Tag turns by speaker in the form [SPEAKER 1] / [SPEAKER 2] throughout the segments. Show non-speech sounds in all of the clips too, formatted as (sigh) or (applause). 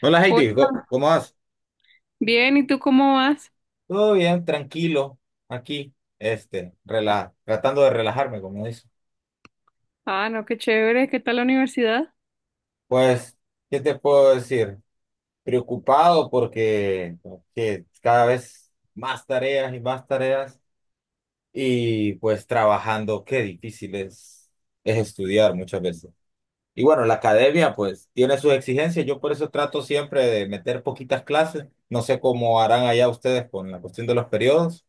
[SPEAKER 1] Hola Heidi,
[SPEAKER 2] Hola,
[SPEAKER 1] ¿Cómo vas?
[SPEAKER 2] bien, ¿y tú cómo vas?
[SPEAKER 1] Todo bien, tranquilo, aquí, tratando de relajarme, como dice.
[SPEAKER 2] Ah, no, qué chévere, ¿qué tal la universidad?
[SPEAKER 1] Pues, ¿qué te puedo decir? Preocupado porque que cada vez más tareas y pues trabajando, qué difícil es estudiar muchas veces. Y bueno, la academia pues tiene sus exigencias, yo por eso trato siempre de meter poquitas clases, no sé cómo harán allá ustedes con la cuestión de los periodos.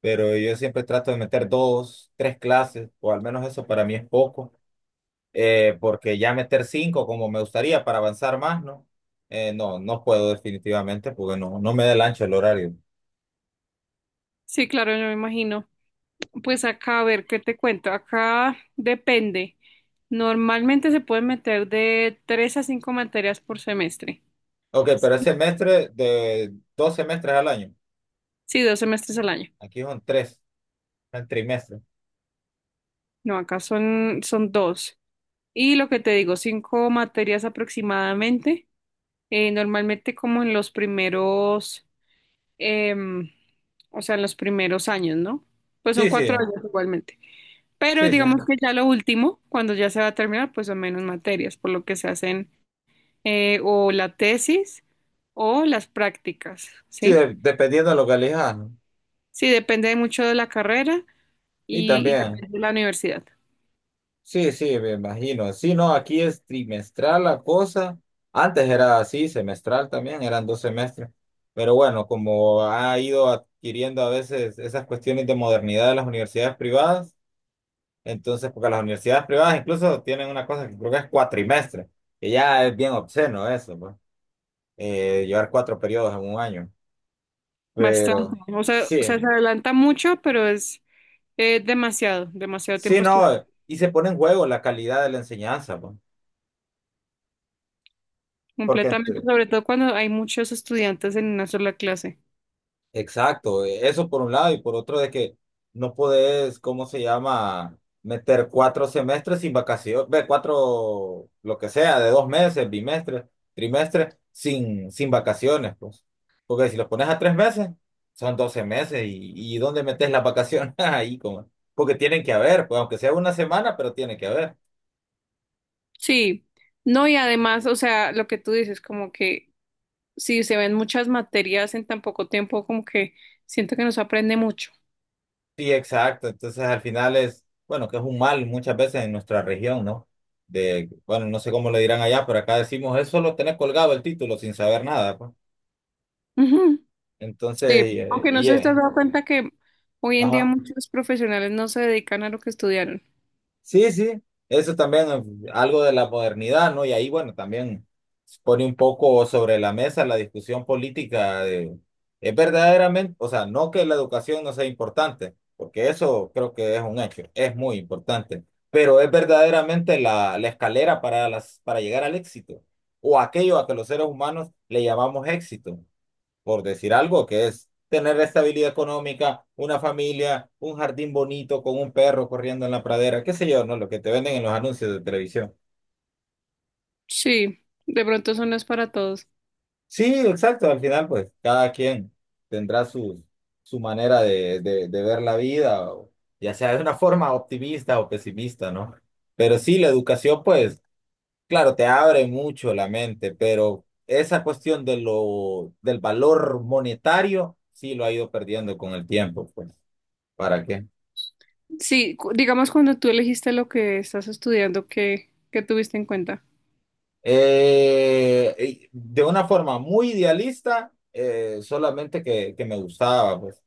[SPEAKER 1] Pero yo siempre trato de meter dos, tres clases, o al menos eso para mí es poco, porque ya meter cinco como me gustaría para avanzar más, ¿no? No, no puedo definitivamente porque no, no me da el ancho el horario.
[SPEAKER 2] Sí, claro, yo me imagino. Pues acá, a ver, ¿qué te cuento? Acá depende. Normalmente se pueden meter de tres a cinco materias por semestre.
[SPEAKER 1] Ok, pero es
[SPEAKER 2] Sí,
[SPEAKER 1] semestre de 2 semestres al año.
[SPEAKER 2] sí, dos semestres al año.
[SPEAKER 1] Aquí son tres, el trimestre.
[SPEAKER 2] No, acá son, son dos. Y lo que te digo, cinco materias aproximadamente. Normalmente como en los primeros, em, o sea, en los primeros años, ¿no? Pues son
[SPEAKER 1] Sí,
[SPEAKER 2] cuatro
[SPEAKER 1] sí,
[SPEAKER 2] años igualmente. Pero
[SPEAKER 1] sí, sí.
[SPEAKER 2] digamos que ya lo último, cuando ya se va a terminar, pues son menos materias, por lo que se hacen o la tesis o las prácticas,
[SPEAKER 1] Sí,
[SPEAKER 2] ¿sí?
[SPEAKER 1] dependiendo de lo que elijas, ¿no?
[SPEAKER 2] Sí, depende mucho de la carrera
[SPEAKER 1] Y
[SPEAKER 2] y
[SPEAKER 1] también.
[SPEAKER 2] depende de la universidad.
[SPEAKER 1] Sí, sí, me imagino. Sí, no, aquí es trimestral la cosa. Antes era así, semestral también, eran 2 semestres. Pero bueno, como ha ido adquiriendo a veces esas cuestiones de modernidad de las universidades privadas, entonces, porque las universidades privadas incluso tienen una cosa que creo que es cuatrimestre, que ya es bien obsceno eso, pues, llevar cuatro periodos en un año.
[SPEAKER 2] Bastante.
[SPEAKER 1] Pero
[SPEAKER 2] O sea, o
[SPEAKER 1] sí,
[SPEAKER 2] sea, se adelanta mucho, pero es demasiado, demasiado
[SPEAKER 1] sí,
[SPEAKER 2] tiempo estudiando.
[SPEAKER 1] no, y se pone en juego la calidad de la enseñanza, pues. Porque
[SPEAKER 2] Completamente, sobre todo cuando hay muchos estudiantes en una sola clase.
[SPEAKER 1] Exacto, eso por un lado y por otro de que no podés, ¿cómo se llama? Meter cuatro semestres sin vacaciones, ve, cuatro, lo que sea, de 2 meses, bimestre, trimestre, sin vacaciones, pues. Porque si los pones a 3 meses, son 12 meses y ¿dónde metes las vacaciones? (laughs) Ahí, como, porque tienen que haber, pues aunque sea una semana, pero tiene que haber.
[SPEAKER 2] Sí, no, y además, o sea, lo que tú dices, como que si se ven muchas materias en tan poco tiempo, como que siento que no se aprende mucho.
[SPEAKER 1] Sí, exacto. Entonces, al final es, bueno, que es un mal muchas veces en nuestra región, ¿no? De, bueno, no sé cómo le dirán allá, pero acá decimos, es solo tener colgado el título sin saber nada, pues.
[SPEAKER 2] Ujú, sí,
[SPEAKER 1] Entonces,
[SPEAKER 2] aunque no sé si te has dado cuenta que hoy en día
[SPEAKER 1] ajá.
[SPEAKER 2] muchos profesionales no se dedican a lo que estudiaron.
[SPEAKER 1] Sí, sí, eso también es algo de la modernidad, ¿no? Y ahí, bueno, también pone un poco sobre la mesa la discusión política de, es verdaderamente, o sea, no que la educación no sea importante, porque eso creo que es un hecho, es muy importante, pero es verdaderamente la escalera para para llegar al éxito, o aquello a que los seres humanos le llamamos éxito por decir algo, que es tener estabilidad económica, una familia, un jardín bonito con un perro corriendo en la pradera, qué sé yo, ¿no? Lo que te venden en los anuncios de televisión.
[SPEAKER 2] Sí, de pronto eso no es para todos.
[SPEAKER 1] Sí, exacto, al final pues cada quien tendrá su manera de ver la vida, ya sea de una forma optimista o pesimista, ¿no? Pero sí, la educación pues, claro, te abre mucho la mente, pero esa cuestión de del valor monetario, sí lo ha ido perdiendo con el tiempo, pues, ¿para qué?
[SPEAKER 2] Sí, digamos cuando tú elegiste lo que estás estudiando, ¿qué, qué tuviste en cuenta?
[SPEAKER 1] Eh, de una forma muy idealista, solamente que me gustaba, pues,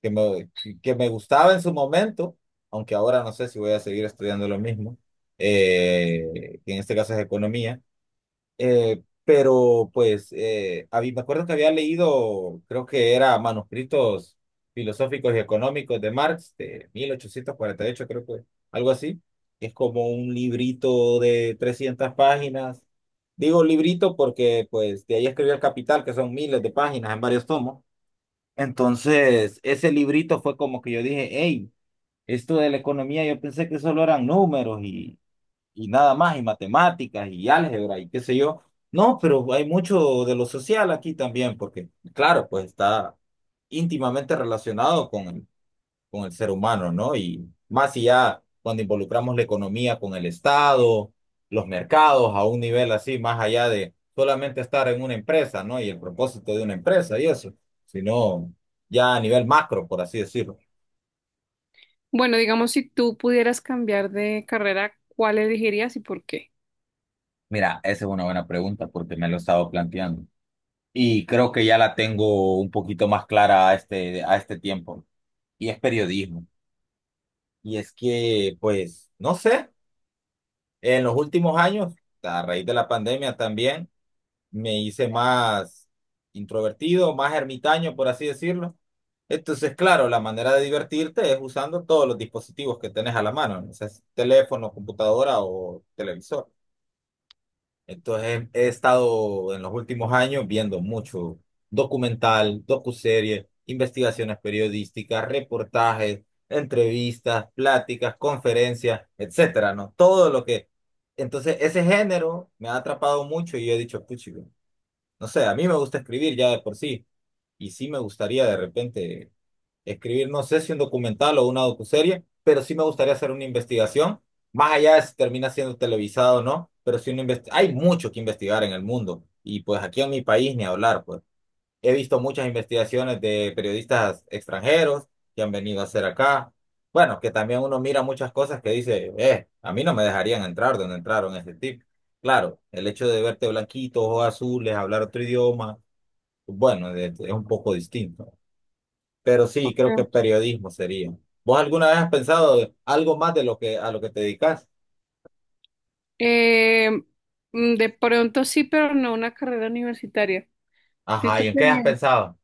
[SPEAKER 1] que me, que me gustaba en su momento, aunque ahora no sé si voy a seguir estudiando lo mismo, que en este caso es economía, pero pues me acuerdo que había leído, creo que era Manuscritos Filosóficos y Económicos de Marx, de 1848 creo que algo así. Es como un librito de 300 páginas. Digo librito porque pues de ahí escribió El Capital, que son miles de páginas en varios tomos. Entonces, ese librito fue como que yo dije, hey, esto de la economía, yo pensé que solo eran números y nada más, y matemáticas, y álgebra, y qué sé yo. No, pero hay mucho de lo social aquí también, porque, claro, pues está íntimamente relacionado con el ser humano, ¿no? Y más si ya cuando involucramos la economía con el Estado, los mercados, a un nivel así, más allá de solamente estar en una empresa, ¿no? Y el propósito de una empresa y eso, sino ya a nivel macro, por así decirlo.
[SPEAKER 2] Bueno, digamos si tú pudieras cambiar de carrera, ¿cuál elegirías y por qué?
[SPEAKER 1] Mira, esa es una buena pregunta porque me lo he estado planteando. Y creo que ya la tengo un poquito más clara a este tiempo. Y es periodismo. Y es que, pues, no sé, en los últimos años, a raíz de la pandemia también, me hice más introvertido, más ermitaño, por así decirlo. Entonces, claro, la manera de divertirte es usando todos los dispositivos que tenés a la mano, ¿no? O sea, es teléfono, computadora o televisor. Entonces he estado en los últimos años viendo mucho documental, docuseries, investigaciones periodísticas, reportajes, entrevistas, pláticas, conferencias, etcétera, ¿no? Todo lo que. Entonces ese género me ha atrapado mucho y yo he dicho, puchi, no sé, a mí me gusta escribir ya de por sí y sí me gustaría de repente escribir, no sé si un documental o una docuserie, pero sí me gustaría hacer una investigación, más allá de si termina siendo televisado o no, pero sí hay mucho que investigar en el mundo y pues aquí en mi país ni hablar, pues he visto muchas investigaciones de periodistas extranjeros que han venido a hacer acá. Bueno, que también uno mira muchas cosas que dice, a mí no me dejarían entrar donde entraron este tipo. Claro, el hecho de verte blanquito, ojos azules, hablar otro idioma, bueno, es un poco distinto. Pero sí, creo que
[SPEAKER 2] Ah.
[SPEAKER 1] periodismo sería. ¿Vos alguna vez has pensado algo más de lo que te dedicas?
[SPEAKER 2] Eh, de pronto sí, pero no una carrera universitaria.
[SPEAKER 1] Ajá,
[SPEAKER 2] Siento
[SPEAKER 1] ¿y
[SPEAKER 2] que
[SPEAKER 1] en qué has pensado?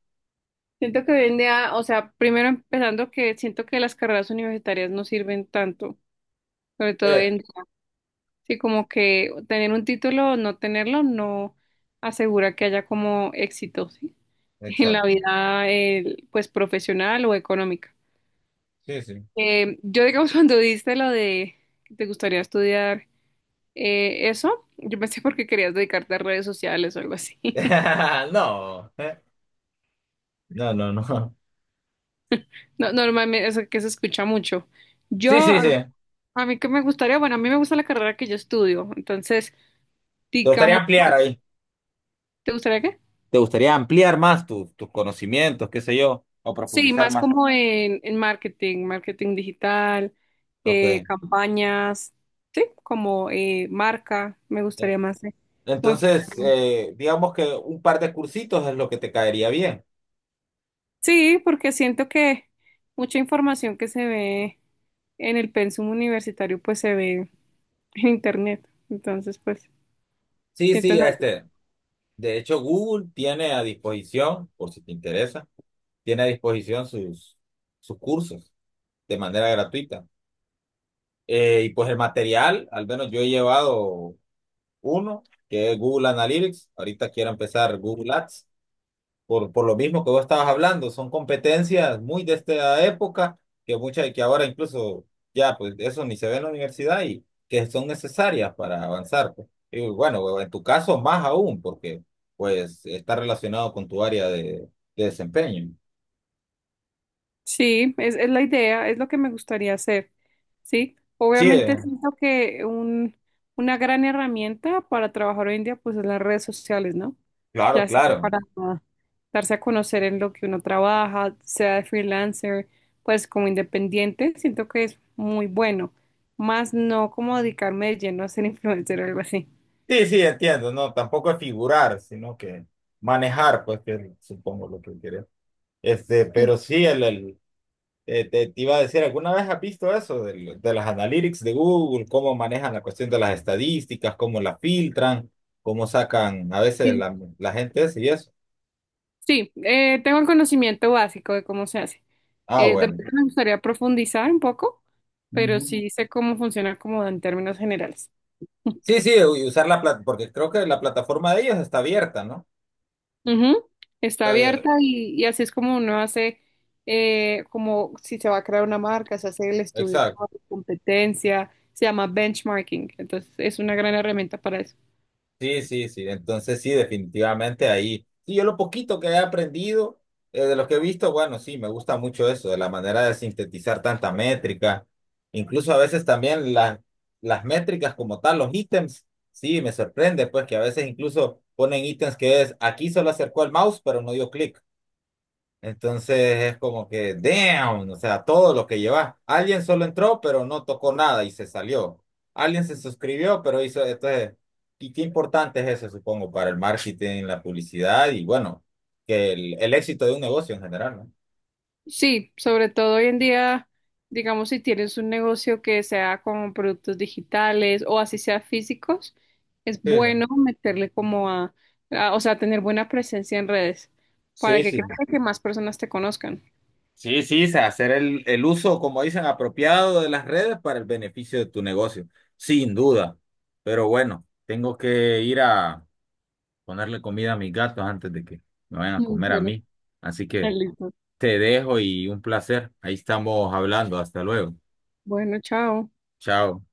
[SPEAKER 2] Siento que hoy en día, o sea, primero empezando que siento que las carreras universitarias no sirven tanto, sobre todo hoy
[SPEAKER 1] Eh,
[SPEAKER 2] en día. Sí, como que tener un título o no tenerlo no asegura que haya como éxito, ¿sí? (laughs) En la
[SPEAKER 1] exacto.
[SPEAKER 2] vida, pues, profesional o económica.
[SPEAKER 1] Sí, sí.
[SPEAKER 2] Yo, digamos, (laughs) cuando diste lo de que te gustaría estudiar eso, yo pensé porque querías dedicarte a redes sociales o algo así. (laughs)
[SPEAKER 1] (laughs) No. No, no, no.
[SPEAKER 2] No, normalmente, eso que se escucha mucho. Yo,
[SPEAKER 1] Sí, sí,
[SPEAKER 2] a
[SPEAKER 1] sí.
[SPEAKER 2] A mí que me gustaría, bueno, a mí me gusta la carrera que yo estudio, entonces,
[SPEAKER 1] ¿Te gustaría
[SPEAKER 2] digamos,
[SPEAKER 1] ampliar ahí?
[SPEAKER 2] ¿te gustaría qué?
[SPEAKER 1] ¿Te gustaría ampliar más tus conocimientos, qué sé yo? O
[SPEAKER 2] Sí,
[SPEAKER 1] profundizar
[SPEAKER 2] más
[SPEAKER 1] más.
[SPEAKER 2] como en marketing, marketing digital,
[SPEAKER 1] Ok.
[SPEAKER 2] campañas, sí, como marca, me gustaría más como
[SPEAKER 1] Entonces,
[SPEAKER 2] enfocarme.
[SPEAKER 1] digamos que un par de cursitos es lo que te caería bien.
[SPEAKER 2] Sí, porque siento que mucha información que se ve en el pensum universitario, pues se ve en internet, entonces, pues,
[SPEAKER 1] Sí,
[SPEAKER 2] siento...
[SPEAKER 1] sí,
[SPEAKER 2] no-
[SPEAKER 1] este. De hecho, Google tiene a disposición, por si te interesa tiene a disposición sus cursos de manera gratuita. Y pues el material, al menos yo he llevado uno, que es Google Analytics. Ahorita quiero empezar Google Ads, por lo mismo que vos estabas hablando. Son competencias muy de esta época, que ahora incluso ya, pues eso ni se ve en la universidad y que son necesarias para avanzar. Pues. Y bueno, en tu caso más aún, porque pues está relacionado con tu área de desempeño.
[SPEAKER 2] Sí, es la idea, es lo que me gustaría hacer, ¿sí?
[SPEAKER 1] Sí,
[SPEAKER 2] Obviamente siento que un, una gran herramienta para trabajar hoy en día, pues, es las redes sociales, ¿no?
[SPEAKER 1] claro,
[SPEAKER 2] Ya sea
[SPEAKER 1] claro.
[SPEAKER 2] para darse a conocer en lo que uno trabaja, sea de freelancer, pues como independiente, siento que es muy bueno, más no como dedicarme de lleno a ser (laughs) influencer o algo así.
[SPEAKER 1] Sí, sí, entiendo, no, tampoco es figurar, sino que manejar, pues que es, supongo lo que quería. Este, pero sí, te iba a decir, ¿alguna vez has visto eso de las analytics de Google, cómo manejan la cuestión de las estadísticas, cómo las filtran, cómo sacan a veces
[SPEAKER 2] Sí.
[SPEAKER 1] la gente esa y eso?
[SPEAKER 2] Sí, tengo el conocimiento básico de cómo se hace.
[SPEAKER 1] Ah,
[SPEAKER 2] De
[SPEAKER 1] bueno.
[SPEAKER 2] pronto me gustaría profundizar un poco, pero
[SPEAKER 1] Ujú.
[SPEAKER 2] sí sé cómo funciona como en términos generales. (laughs)
[SPEAKER 1] Sí, sí, y usar la plata, porque creo que la plataforma de ellos está abierta, ¿no?
[SPEAKER 2] Ujú. Está
[SPEAKER 1] Está
[SPEAKER 2] abierta
[SPEAKER 1] abierta.
[SPEAKER 2] y así es como uno hace, como si se va a crear una marca, se hace el estudio
[SPEAKER 1] Exacto.
[SPEAKER 2] como de competencia, se llama benchmarking, entonces es una gran herramienta para eso.
[SPEAKER 1] Sí, sí, sí. Entonces sí, definitivamente ahí. Sí, yo lo poquito que he aprendido, de lo que he visto, bueno, sí, me gusta mucho eso, de la manera de sintetizar tanta métrica. Incluso a veces también las métricas como tal, los ítems, sí, me sorprende, pues que a veces incluso ponen ítems que es, aquí solo acercó el mouse, pero no dio clic. Entonces es como que, damn, o sea, todo lo que llevas. Alguien solo entró, pero no tocó nada y se salió. Alguien se suscribió, pero hizo, entonces, y qué importante es eso, supongo, para el marketing, la publicidad y bueno, que el éxito de un negocio en general, ¿no?
[SPEAKER 2] Sí, sobre todo hoy en día, digamos, si tienes un negocio que sea con productos digitales o así sea físicos, es
[SPEAKER 1] Sí,
[SPEAKER 2] bueno
[SPEAKER 1] sí.
[SPEAKER 2] meterle como a- o sea, tener buena presencia en redes para
[SPEAKER 1] Sí,
[SPEAKER 2] que
[SPEAKER 1] sí.
[SPEAKER 2] crezca que más personas te conozcan.
[SPEAKER 1] Sí, sí, o sea, hacer el uso, como dicen, apropiado de las redes para el beneficio de tu negocio, sin duda. Pero bueno, tengo que ir a ponerle comida a mis gatos antes de que me vayan a
[SPEAKER 2] Mm,
[SPEAKER 1] comer a
[SPEAKER 2] bueno,
[SPEAKER 1] mí. Así que
[SPEAKER 2] listo.
[SPEAKER 1] te dejo y un placer. Ahí estamos hablando. Hasta luego.
[SPEAKER 2] Bueno, chao.
[SPEAKER 1] Chao.